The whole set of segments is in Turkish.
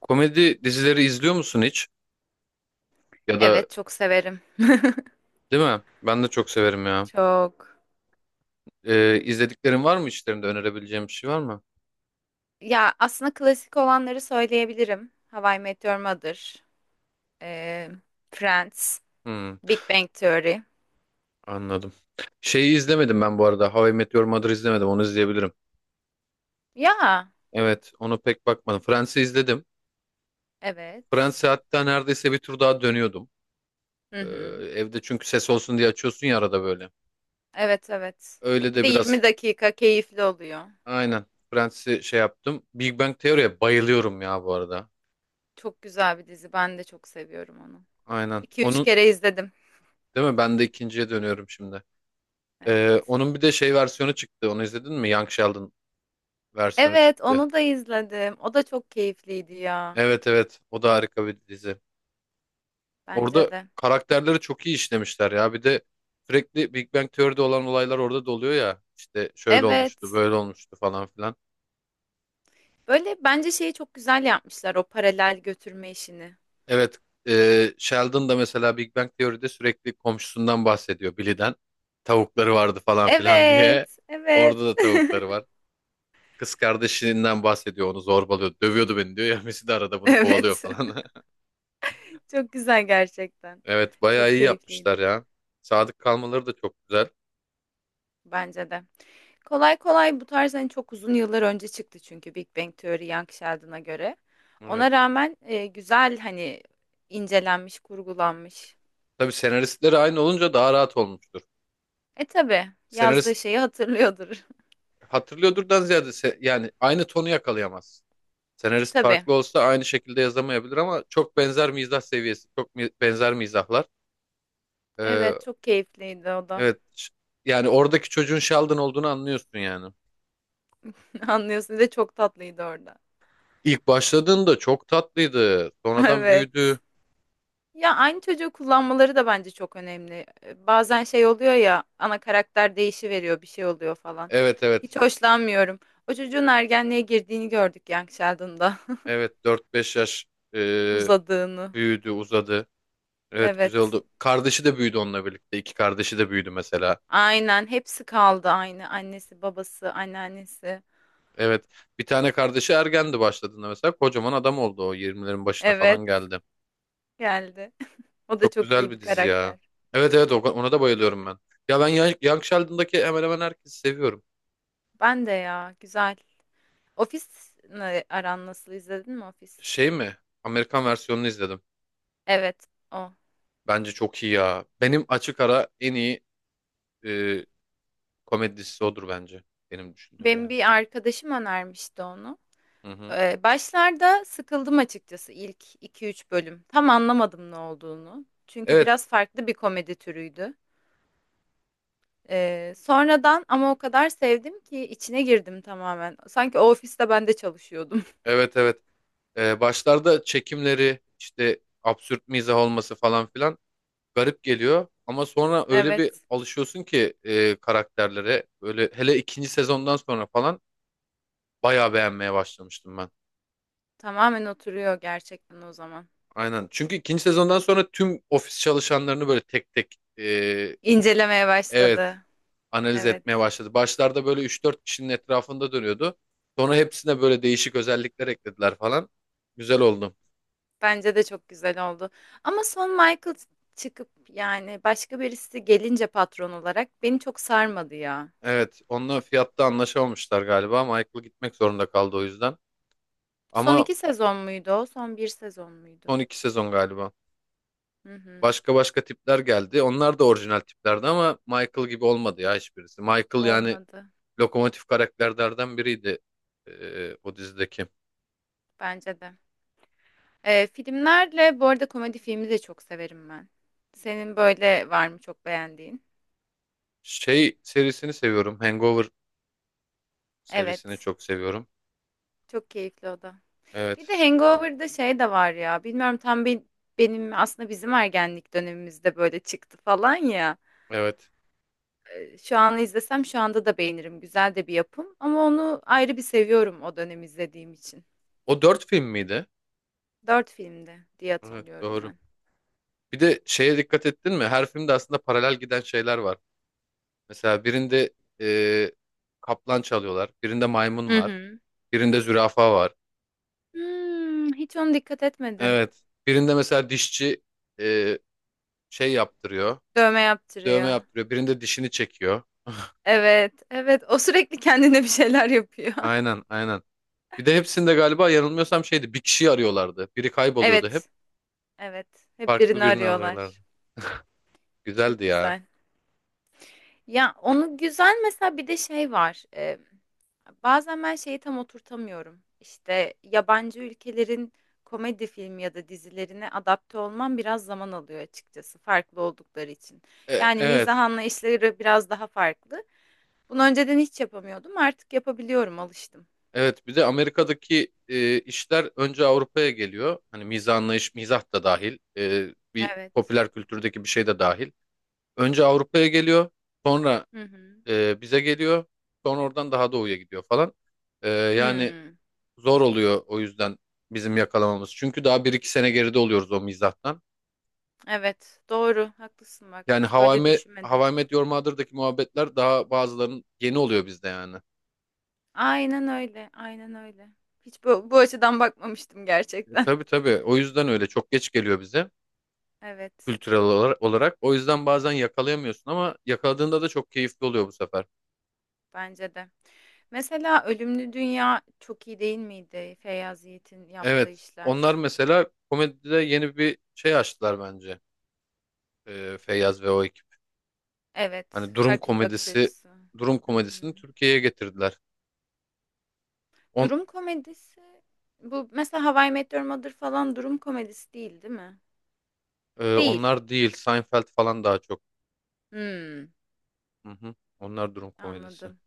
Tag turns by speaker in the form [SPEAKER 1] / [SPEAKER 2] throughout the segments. [SPEAKER 1] Komedi dizileri izliyor musun hiç? Ya da
[SPEAKER 2] Evet, çok severim.
[SPEAKER 1] değil mi? Ben de çok severim ya.
[SPEAKER 2] Çok.
[SPEAKER 1] İzlediklerin var mı, içlerinde önerebileceğim bir şey var mı?
[SPEAKER 2] Ya, aslında klasik olanları söyleyebilirim. How I Met Your Mother, e, Friends,
[SPEAKER 1] Hmm,
[SPEAKER 2] Big Bang Theory.
[SPEAKER 1] anladım. Şeyi izlemedim ben bu arada. How I Met Your Mother izlemedim. Onu izleyebilirim.
[SPEAKER 2] Ya,
[SPEAKER 1] Evet, onu pek bakmadım. Friends'i izledim.
[SPEAKER 2] evet.
[SPEAKER 1] Friends'i hatta neredeyse bir tur daha dönüyordum.
[SPEAKER 2] Hı
[SPEAKER 1] Ee,
[SPEAKER 2] hı.
[SPEAKER 1] Evde çünkü ses olsun diye açıyorsun ya arada böyle.
[SPEAKER 2] Evet, evet.
[SPEAKER 1] Öyle
[SPEAKER 2] Bir
[SPEAKER 1] de
[SPEAKER 2] de
[SPEAKER 1] biraz
[SPEAKER 2] 20 dakika keyifli oluyor.
[SPEAKER 1] aynen. Friends'i şey yaptım. Big Bang Theory'ye bayılıyorum ya bu arada.
[SPEAKER 2] Çok güzel bir dizi. Ben de çok seviyorum onu.
[SPEAKER 1] Aynen.
[SPEAKER 2] iki üç
[SPEAKER 1] Onun
[SPEAKER 2] kere izledim.
[SPEAKER 1] değil mi? Ben de ikinciye dönüyorum şimdi.
[SPEAKER 2] Evet.
[SPEAKER 1] Onun bir de şey versiyonu çıktı. Onu izledin mi? Young Sheldon versiyonu
[SPEAKER 2] Evet,
[SPEAKER 1] çıktı.
[SPEAKER 2] onu da izledim. O da çok keyifliydi ya.
[SPEAKER 1] Evet, evet. O da harika bir dizi.
[SPEAKER 2] Bence
[SPEAKER 1] Orada
[SPEAKER 2] de.
[SPEAKER 1] karakterleri çok iyi işlemişler ya. Bir de sürekli Big Bang Theory'de olan olaylar orada da oluyor ya. İşte şöyle olmuştu,
[SPEAKER 2] Evet.
[SPEAKER 1] böyle olmuştu falan filan.
[SPEAKER 2] Böyle bence şeyi çok güzel yapmışlar, o paralel götürme işini.
[SPEAKER 1] Evet. E, Sheldon da mesela Big Bang Theory'de sürekli komşusundan bahsediyor. Billy'den. Tavukları vardı falan filan diye.
[SPEAKER 2] Evet, evet.
[SPEAKER 1] Orada da tavukları var. Kız kardeşinden bahsediyor. Onu zorbalıyor. Dövüyordu beni diyor ya. Messi de arada bunu kovalıyor
[SPEAKER 2] Evet.
[SPEAKER 1] falan.
[SPEAKER 2] Çok güzel gerçekten.
[SPEAKER 1] Evet, bayağı
[SPEAKER 2] Çok
[SPEAKER 1] iyi
[SPEAKER 2] keyifliydi.
[SPEAKER 1] yapmışlar ya. Sadık kalmaları da çok güzel.
[SPEAKER 2] Bence de. Kolay kolay bu tarz, hani çok uzun yıllar önce çıktı çünkü Big Bang Theory, Young Sheldon'a göre. Ona
[SPEAKER 1] Evet.
[SPEAKER 2] rağmen güzel, hani incelenmiş, kurgulanmış.
[SPEAKER 1] Tabii senaristleri aynı olunca daha rahat olmuştur.
[SPEAKER 2] E, tabii yazdığı
[SPEAKER 1] Senarist
[SPEAKER 2] şeyi hatırlıyordur.
[SPEAKER 1] hatırlıyordurdan ziyade yani aynı tonu yakalayamaz. Senarist
[SPEAKER 2] Tabii.
[SPEAKER 1] farklı olsa aynı şekilde yazamayabilir ama çok benzer mizah seviyesi, çok benzer mizahlar. Ee,
[SPEAKER 2] Evet, çok keyifliydi o da.
[SPEAKER 1] evet ş- Yani oradaki çocuğun Sheldon olduğunu anlıyorsun yani.
[SPEAKER 2] Anlıyorsun, bir de çok tatlıydı orada.
[SPEAKER 1] İlk başladığında çok tatlıydı. Sonradan büyüdü.
[SPEAKER 2] Evet. Ya, aynı çocuğu kullanmaları da bence çok önemli. Bazen şey oluyor ya, ana karakter değişiveriyor, bir şey oluyor falan.
[SPEAKER 1] Evet, evet,
[SPEAKER 2] Hiç hoşlanmıyorum. O çocuğun ergenliğe girdiğini gördük Young Sheldon'da.
[SPEAKER 1] evet, dört beş yaş, e,
[SPEAKER 2] Uzadığını.
[SPEAKER 1] büyüdü, uzadı. Evet, güzel
[SPEAKER 2] Evet.
[SPEAKER 1] oldu. Kardeşi de büyüdü onunla birlikte. İki kardeşi de büyüdü mesela.
[SPEAKER 2] Aynen, hepsi kaldı aynı. Annesi, babası, anneannesi.
[SPEAKER 1] Evet. Bir tane kardeşi ergendi başladığında mesela. Kocaman adam oldu o. Yirmilerin başına
[SPEAKER 2] Evet,
[SPEAKER 1] falan geldi.
[SPEAKER 2] geldi. O da
[SPEAKER 1] Çok
[SPEAKER 2] çok
[SPEAKER 1] güzel
[SPEAKER 2] iyi bir
[SPEAKER 1] bir dizi ya.
[SPEAKER 2] karakter.
[SPEAKER 1] Evet, evet ona da bayılıyorum ben. Ya ben Young Sheldon'daki hemen hemen herkesi seviyorum.
[SPEAKER 2] Ben de, ya, güzel. Ofis ne- aran nasıl, izledin mi Ofis?
[SPEAKER 1] Şey mi? Amerikan versiyonunu izledim.
[SPEAKER 2] Evet, o.
[SPEAKER 1] Bence çok iyi ya. Benim açık ara en iyi e, komedi dizisi odur bence. Benim düşündüğüm
[SPEAKER 2] Benim
[SPEAKER 1] yani.
[SPEAKER 2] bir arkadaşım önermişti onu.
[SPEAKER 1] Hı hı.
[SPEAKER 2] Başlarda sıkıldım açıkçası, ilk iki üç bölüm. Tam anlamadım ne olduğunu. Çünkü
[SPEAKER 1] Evet,
[SPEAKER 2] biraz farklı bir komedi türüydü. Sonradan ama o kadar sevdim ki içine girdim tamamen. Sanki o ofiste ben de çalışıyordum.
[SPEAKER 1] evet, evet. Başlarda çekimleri işte absürt mizah olması falan filan garip geliyor ama sonra öyle bir
[SPEAKER 2] Evet,
[SPEAKER 1] alışıyorsun ki karakterlere, böyle hele ikinci sezondan sonra falan bayağı beğenmeye başlamıştım ben.
[SPEAKER 2] tamamen oturuyor gerçekten o zaman.
[SPEAKER 1] Aynen. Çünkü ikinci sezondan sonra tüm ofis çalışanlarını böyle tek tek
[SPEAKER 2] İncelemeye
[SPEAKER 1] evet,
[SPEAKER 2] başladı.
[SPEAKER 1] analiz etmeye
[SPEAKER 2] Evet,
[SPEAKER 1] başladı. Başlarda böyle üç dört kişinin etrafında dönüyordu. Sonra hepsine böyle değişik özellikler eklediler falan. Güzel oldu.
[SPEAKER 2] bence de çok güzel oldu. Ama son, Michael çıkıp, yani başka birisi gelince patron olarak, beni çok sarmadı ya.
[SPEAKER 1] Evet, onunla fiyatta anlaşamamışlar galiba. Michael gitmek zorunda kaldı o yüzden.
[SPEAKER 2] Son
[SPEAKER 1] Ama
[SPEAKER 2] iki sezon muydu o? Son bir sezon muydu?
[SPEAKER 1] son iki sezon galiba.
[SPEAKER 2] Hı hı.
[SPEAKER 1] Başka başka tipler geldi. Onlar da orijinal tiplerdi ama Michael gibi olmadı ya hiçbirisi. Michael yani
[SPEAKER 2] Olmadı.
[SPEAKER 1] lokomotif karakterlerden biriydi o dizideki.
[SPEAKER 2] Bence de. Filmlerle bu arada, komedi filmi de çok severim ben. Senin böyle var mı çok beğendiğin?
[SPEAKER 1] Şey serisini seviyorum. Hangover serisini
[SPEAKER 2] Evet.
[SPEAKER 1] çok seviyorum.
[SPEAKER 2] Çok keyifli o da. Bir
[SPEAKER 1] Evet.
[SPEAKER 2] de Hangover'da şey de var ya. Bilmiyorum tam bir, benim aslında bizim ergenlik dönemimizde böyle çıktı falan ya.
[SPEAKER 1] Evet.
[SPEAKER 2] Şu an izlesem, şu anda da beğenirim. Güzel de bir yapım. Ama onu ayrı bir seviyorum, o dönem izlediğim için.
[SPEAKER 1] O dört film miydi?
[SPEAKER 2] Dört filmdi diye
[SPEAKER 1] Evet,
[SPEAKER 2] hatırlıyorum
[SPEAKER 1] doğru.
[SPEAKER 2] ben.
[SPEAKER 1] Bir de şeye dikkat ettin mi? Her filmde aslında paralel giden şeyler var. Mesela birinde e, kaplan çalıyorlar. Birinde maymun
[SPEAKER 2] Hı
[SPEAKER 1] var.
[SPEAKER 2] hı.
[SPEAKER 1] Birinde zürafa var.
[SPEAKER 2] Hiç ona dikkat etmedim.
[SPEAKER 1] Evet. Birinde mesela dişçi e, şey yaptırıyor.
[SPEAKER 2] Dövme
[SPEAKER 1] Dövme
[SPEAKER 2] yaptırıyor.
[SPEAKER 1] yaptırıyor. Birinde dişini çekiyor.
[SPEAKER 2] Evet, evet. O sürekli kendine bir şeyler yapıyor.
[SPEAKER 1] Aynen, aynen. Bir de hepsinde galiba, yanılmıyorsam şeydi, bir kişiyi arıyorlardı. Biri kayboluyordu hep.
[SPEAKER 2] Evet, evet. Hep
[SPEAKER 1] Farklı
[SPEAKER 2] birini
[SPEAKER 1] birini arıyorlardı.
[SPEAKER 2] arıyorlar.
[SPEAKER 1] Güzeldi
[SPEAKER 2] Çok
[SPEAKER 1] ya.
[SPEAKER 2] güzel. Ya, onu güzel mesela, bir de şey var. Bazen ben şeyi tam oturtamıyorum. İşte yabancı ülkelerin komedi filmi ya da dizilerine adapte olmam biraz zaman alıyor açıkçası, farklı oldukları için.
[SPEAKER 1] E,
[SPEAKER 2] Yani mizah
[SPEAKER 1] evet.
[SPEAKER 2] anlayışları biraz daha farklı. Bunu önceden hiç yapamıyordum. Artık yapabiliyorum, alıştım.
[SPEAKER 1] Evet, bir de Amerika'daki işler önce Avrupa'ya geliyor. Hani mizah anlayış, mizah da dahil. Bir
[SPEAKER 2] Evet.
[SPEAKER 1] popüler kültürdeki bir şey de dahil. Önce Avrupa'ya geliyor. Sonra
[SPEAKER 2] Hı hı.
[SPEAKER 1] bize geliyor. Sonra oradan daha doğuya gidiyor falan. E, yani
[SPEAKER 2] Hmm.
[SPEAKER 1] zor oluyor o yüzden bizim yakalamamız. Çünkü daha bir iki sene geride oluyoruz o mizahtan.
[SPEAKER 2] Evet, doğru. Haklısın bak.
[SPEAKER 1] Yani
[SPEAKER 2] Hiç böyle
[SPEAKER 1] How
[SPEAKER 2] düşünmedim.
[SPEAKER 1] I Met Your Mother'daki muhabbetler daha, bazılarının yeni oluyor bizde yani.
[SPEAKER 2] Aynen öyle. Aynen öyle. Hiç bu açıdan bakmamıştım
[SPEAKER 1] E,
[SPEAKER 2] gerçekten.
[SPEAKER 1] tabii tabii, o yüzden öyle çok geç geliyor bize
[SPEAKER 2] Evet,
[SPEAKER 1] kültürel olarak. O yüzden bazen yakalayamıyorsun ama yakaladığında da çok keyifli oluyor bu sefer.
[SPEAKER 2] bence de. Mesela Ölümlü Dünya çok iyi değil miydi? Feyyaz Yiğit'in yaptığı
[SPEAKER 1] Evet, onlar
[SPEAKER 2] işler.
[SPEAKER 1] mesela komedide yeni bir şey açtılar bence, Feyyaz ve o ekip.
[SPEAKER 2] Evet,
[SPEAKER 1] Hani durum
[SPEAKER 2] farklı bir bakış
[SPEAKER 1] komedisi,
[SPEAKER 2] açısı.
[SPEAKER 1] durum
[SPEAKER 2] Hı hı.
[SPEAKER 1] komedisini Türkiye'ye getirdiler. On,
[SPEAKER 2] Durum komedisi bu mesela, How I Met Your Mother falan durum komedisi değil, değil mi? Değil.
[SPEAKER 1] Onlar değil, Seinfeld falan daha çok.
[SPEAKER 2] Hmm,
[SPEAKER 1] Hı hı. Onlar durum komedisi.
[SPEAKER 2] anladım.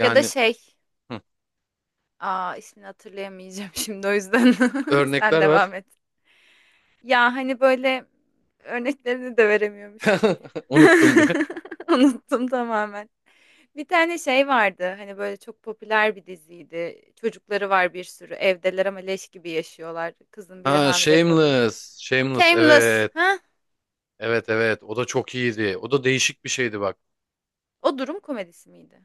[SPEAKER 2] Ya da şey,
[SPEAKER 1] hı.
[SPEAKER 2] Aa, ismini hatırlayamayacağım şimdi o yüzden. Sen
[SPEAKER 1] Örnekler ver.
[SPEAKER 2] devam et. Ya, hani böyle örneklerini de veremiyormuşum.
[SPEAKER 1] Unuttum diye.
[SPEAKER 2] Unuttum tamamen. Bir tane şey vardı. Hani böyle çok popüler bir diziydi. Çocukları var bir sürü. Evdeler ama leş gibi yaşıyorlar. Kızın biri
[SPEAKER 1] Ha,
[SPEAKER 2] hamile kalıyor.
[SPEAKER 1] Shameless. Shameless.
[SPEAKER 2] Shameless.
[SPEAKER 1] Evet.
[SPEAKER 2] Ha?
[SPEAKER 1] Evet, evet. O da çok iyiydi. O da değişik bir şeydi bak.
[SPEAKER 2] O durum komedisi miydi?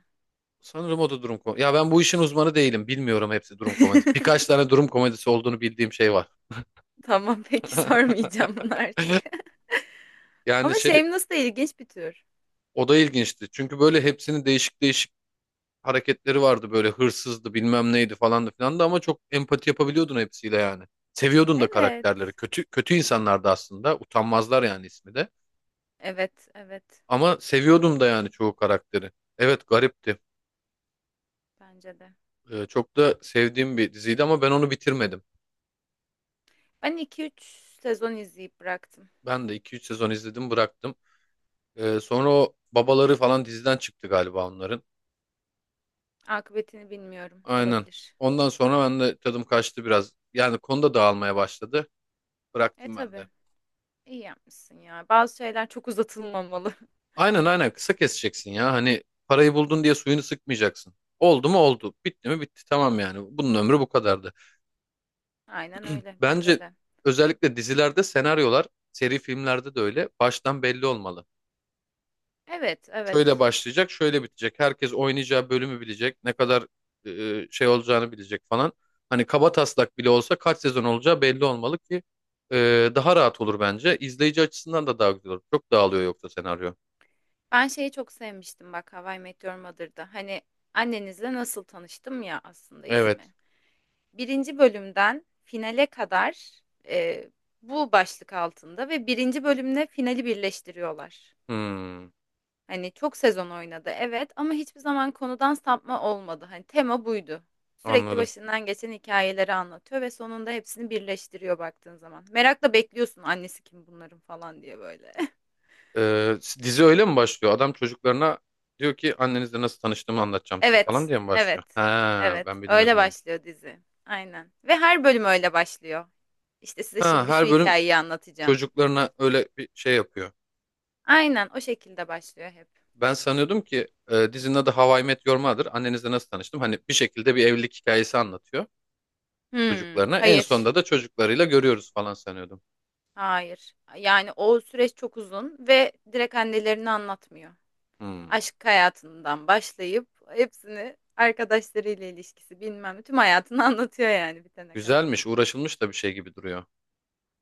[SPEAKER 1] Sanırım o da durum komedisi. Ya ben bu işin uzmanı değilim. Bilmiyorum, hepsi durum komedisi. Birkaç tane durum komedisi olduğunu bildiğim şey var.
[SPEAKER 2] Tamam, peki, sormayacağım bunu artık.
[SPEAKER 1] Yani
[SPEAKER 2] Ama
[SPEAKER 1] şey,
[SPEAKER 2] Shameless da ilginç bir tür.
[SPEAKER 1] o da ilginçti. Çünkü böyle hepsini değişik değişik hareketleri vardı, böyle hırsızdı bilmem neydi falan da filan da, ama çok empati yapabiliyordun hepsiyle yani. Seviyordun da
[SPEAKER 2] Evet.
[SPEAKER 1] karakterleri. Kötü kötü insanlardı aslında. Utanmazlar yani ismi de.
[SPEAKER 2] Evet, evet.
[SPEAKER 1] Ama seviyordum da yani çoğu karakteri. Evet, garipti.
[SPEAKER 2] Bence de.
[SPEAKER 1] Çok da sevdiğim bir diziydi ama ben onu bitirmedim.
[SPEAKER 2] Ben iki üç sezon izleyip bıraktım.
[SPEAKER 1] Ben de iki üç sezon izledim, bıraktım. Sonra o babaları falan diziden çıktı galiba onların.
[SPEAKER 2] Akıbetini bilmiyorum.
[SPEAKER 1] Aynen.
[SPEAKER 2] Olabilir.
[SPEAKER 1] Ondan sonra ben de tadım kaçtı biraz. Yani konuda dağılmaya başladı.
[SPEAKER 2] E,
[SPEAKER 1] Bıraktım ben
[SPEAKER 2] tabii.
[SPEAKER 1] de.
[SPEAKER 2] İyi yapmışsın ya. Bazı şeyler çok uzatılmamalı.
[SPEAKER 1] Aynen, aynen, kısa keseceksin ya. Hani parayı buldun diye suyunu sıkmayacaksın. Oldu mu oldu. Bitti mi bitti. Tamam yani. Bunun ömrü bu kadardı.
[SPEAKER 2] Aynen öyle, bence
[SPEAKER 1] Bence
[SPEAKER 2] de.
[SPEAKER 1] özellikle dizilerde senaryolar, seri filmlerde de öyle, baştan belli olmalı.
[SPEAKER 2] Evet,
[SPEAKER 1] Şöyle
[SPEAKER 2] evet.
[SPEAKER 1] başlayacak, şöyle bitecek. Herkes oynayacağı bölümü bilecek. Ne kadar şey olacağını bilecek falan. Hani kaba taslak bile olsa kaç sezon olacağı belli olmalı ki daha rahat olur bence. İzleyici açısından da daha güzel olur. Çok dağılıyor yoksa senaryo.
[SPEAKER 2] Ben şeyi çok sevmiştim bak, How I Met Your Mother'da. Hani annenizle nasıl tanıştım, ya, aslında
[SPEAKER 1] Evet.
[SPEAKER 2] ismi. Birinci bölümden finale kadar e, bu başlık altında, ve birinci bölümle finali birleştiriyorlar.
[SPEAKER 1] Hmm,
[SPEAKER 2] Hani çok sezon oynadı evet, ama hiçbir zaman konudan sapma olmadı. Hani tema buydu. Sürekli
[SPEAKER 1] anladım.
[SPEAKER 2] başından geçen hikayeleri anlatıyor ve sonunda hepsini birleştiriyor baktığın zaman. Merakla bekliyorsun, annesi kim bunların falan diye, böyle.
[SPEAKER 1] Dizi öyle mi başlıyor? Adam çocuklarına diyor ki annenizle nasıl tanıştığımı anlatacağım size falan
[SPEAKER 2] Evet,
[SPEAKER 1] diye mi
[SPEAKER 2] evet,
[SPEAKER 1] başlıyor? Ha,
[SPEAKER 2] evet.
[SPEAKER 1] ben
[SPEAKER 2] Öyle
[SPEAKER 1] bilmiyordum onu.
[SPEAKER 2] başlıyor dizi. Aynen. Ve her bölüm öyle başlıyor. İşte size
[SPEAKER 1] Ha,
[SPEAKER 2] şimdi şu
[SPEAKER 1] her bölüm
[SPEAKER 2] hikayeyi anlatacağım.
[SPEAKER 1] çocuklarına öyle bir şey yapıyor.
[SPEAKER 2] Aynen o şekilde başlıyor hep.
[SPEAKER 1] Ben sanıyordum ki dizinin adı How I Met Your Mother. Annenizle nasıl tanıştım? Hani bir şekilde bir evlilik hikayesi anlatıyor
[SPEAKER 2] Hmm,
[SPEAKER 1] çocuklarına. En
[SPEAKER 2] hayır,
[SPEAKER 1] sonunda da çocuklarıyla görüyoruz falan sanıyordum.
[SPEAKER 2] hayır. Yani o süreç çok uzun ve direkt annelerini anlatmıyor.
[SPEAKER 1] Hmm.
[SPEAKER 2] Aşk hayatından başlayıp hepsini, arkadaşlarıyla ilişkisi, bilmem ne, tüm hayatını anlatıyor yani bitene kadar.
[SPEAKER 1] Güzelmiş, uğraşılmış da bir şey gibi duruyor.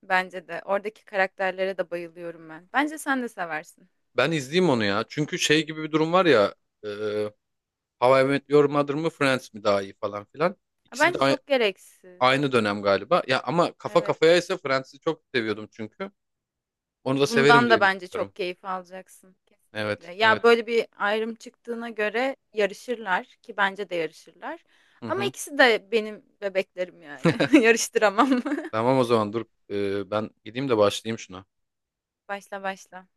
[SPEAKER 2] Bence de, oradaki karakterlere de bayılıyorum ben. Bence sen de seversin.
[SPEAKER 1] Ben izleyeyim onu ya. Çünkü şey gibi bir durum var ya. E, How I Met Your Mother mı Friends mi daha iyi falan filan.
[SPEAKER 2] Ya,
[SPEAKER 1] İkisi bir de
[SPEAKER 2] bence
[SPEAKER 1] aynı,
[SPEAKER 2] çok gereksiz.
[SPEAKER 1] aynı dönem galiba. Ya ama kafa kafaya
[SPEAKER 2] Evet.
[SPEAKER 1] ise Friends'i çok seviyordum çünkü. Onu da severim
[SPEAKER 2] Bundan da
[SPEAKER 1] diye
[SPEAKER 2] bence
[SPEAKER 1] düşünüyorum.
[SPEAKER 2] çok keyif alacaksın.
[SPEAKER 1] Evet,
[SPEAKER 2] Kesinlikle.
[SPEAKER 1] evet.
[SPEAKER 2] Ya, böyle bir ayrım çıktığına göre yarışırlar ki, bence de yarışırlar.
[SPEAKER 1] Hı
[SPEAKER 2] Ama
[SPEAKER 1] hı.
[SPEAKER 2] ikisi de benim bebeklerim yani. Yarıştıramam.
[SPEAKER 1] Tamam, o zaman dur. Ben gideyim de başlayayım şuna.
[SPEAKER 2] Başla, başla.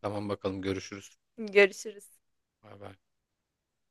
[SPEAKER 1] Tamam, bakalım, görüşürüz.
[SPEAKER 2] Görüşürüz.
[SPEAKER 1] Bay bay.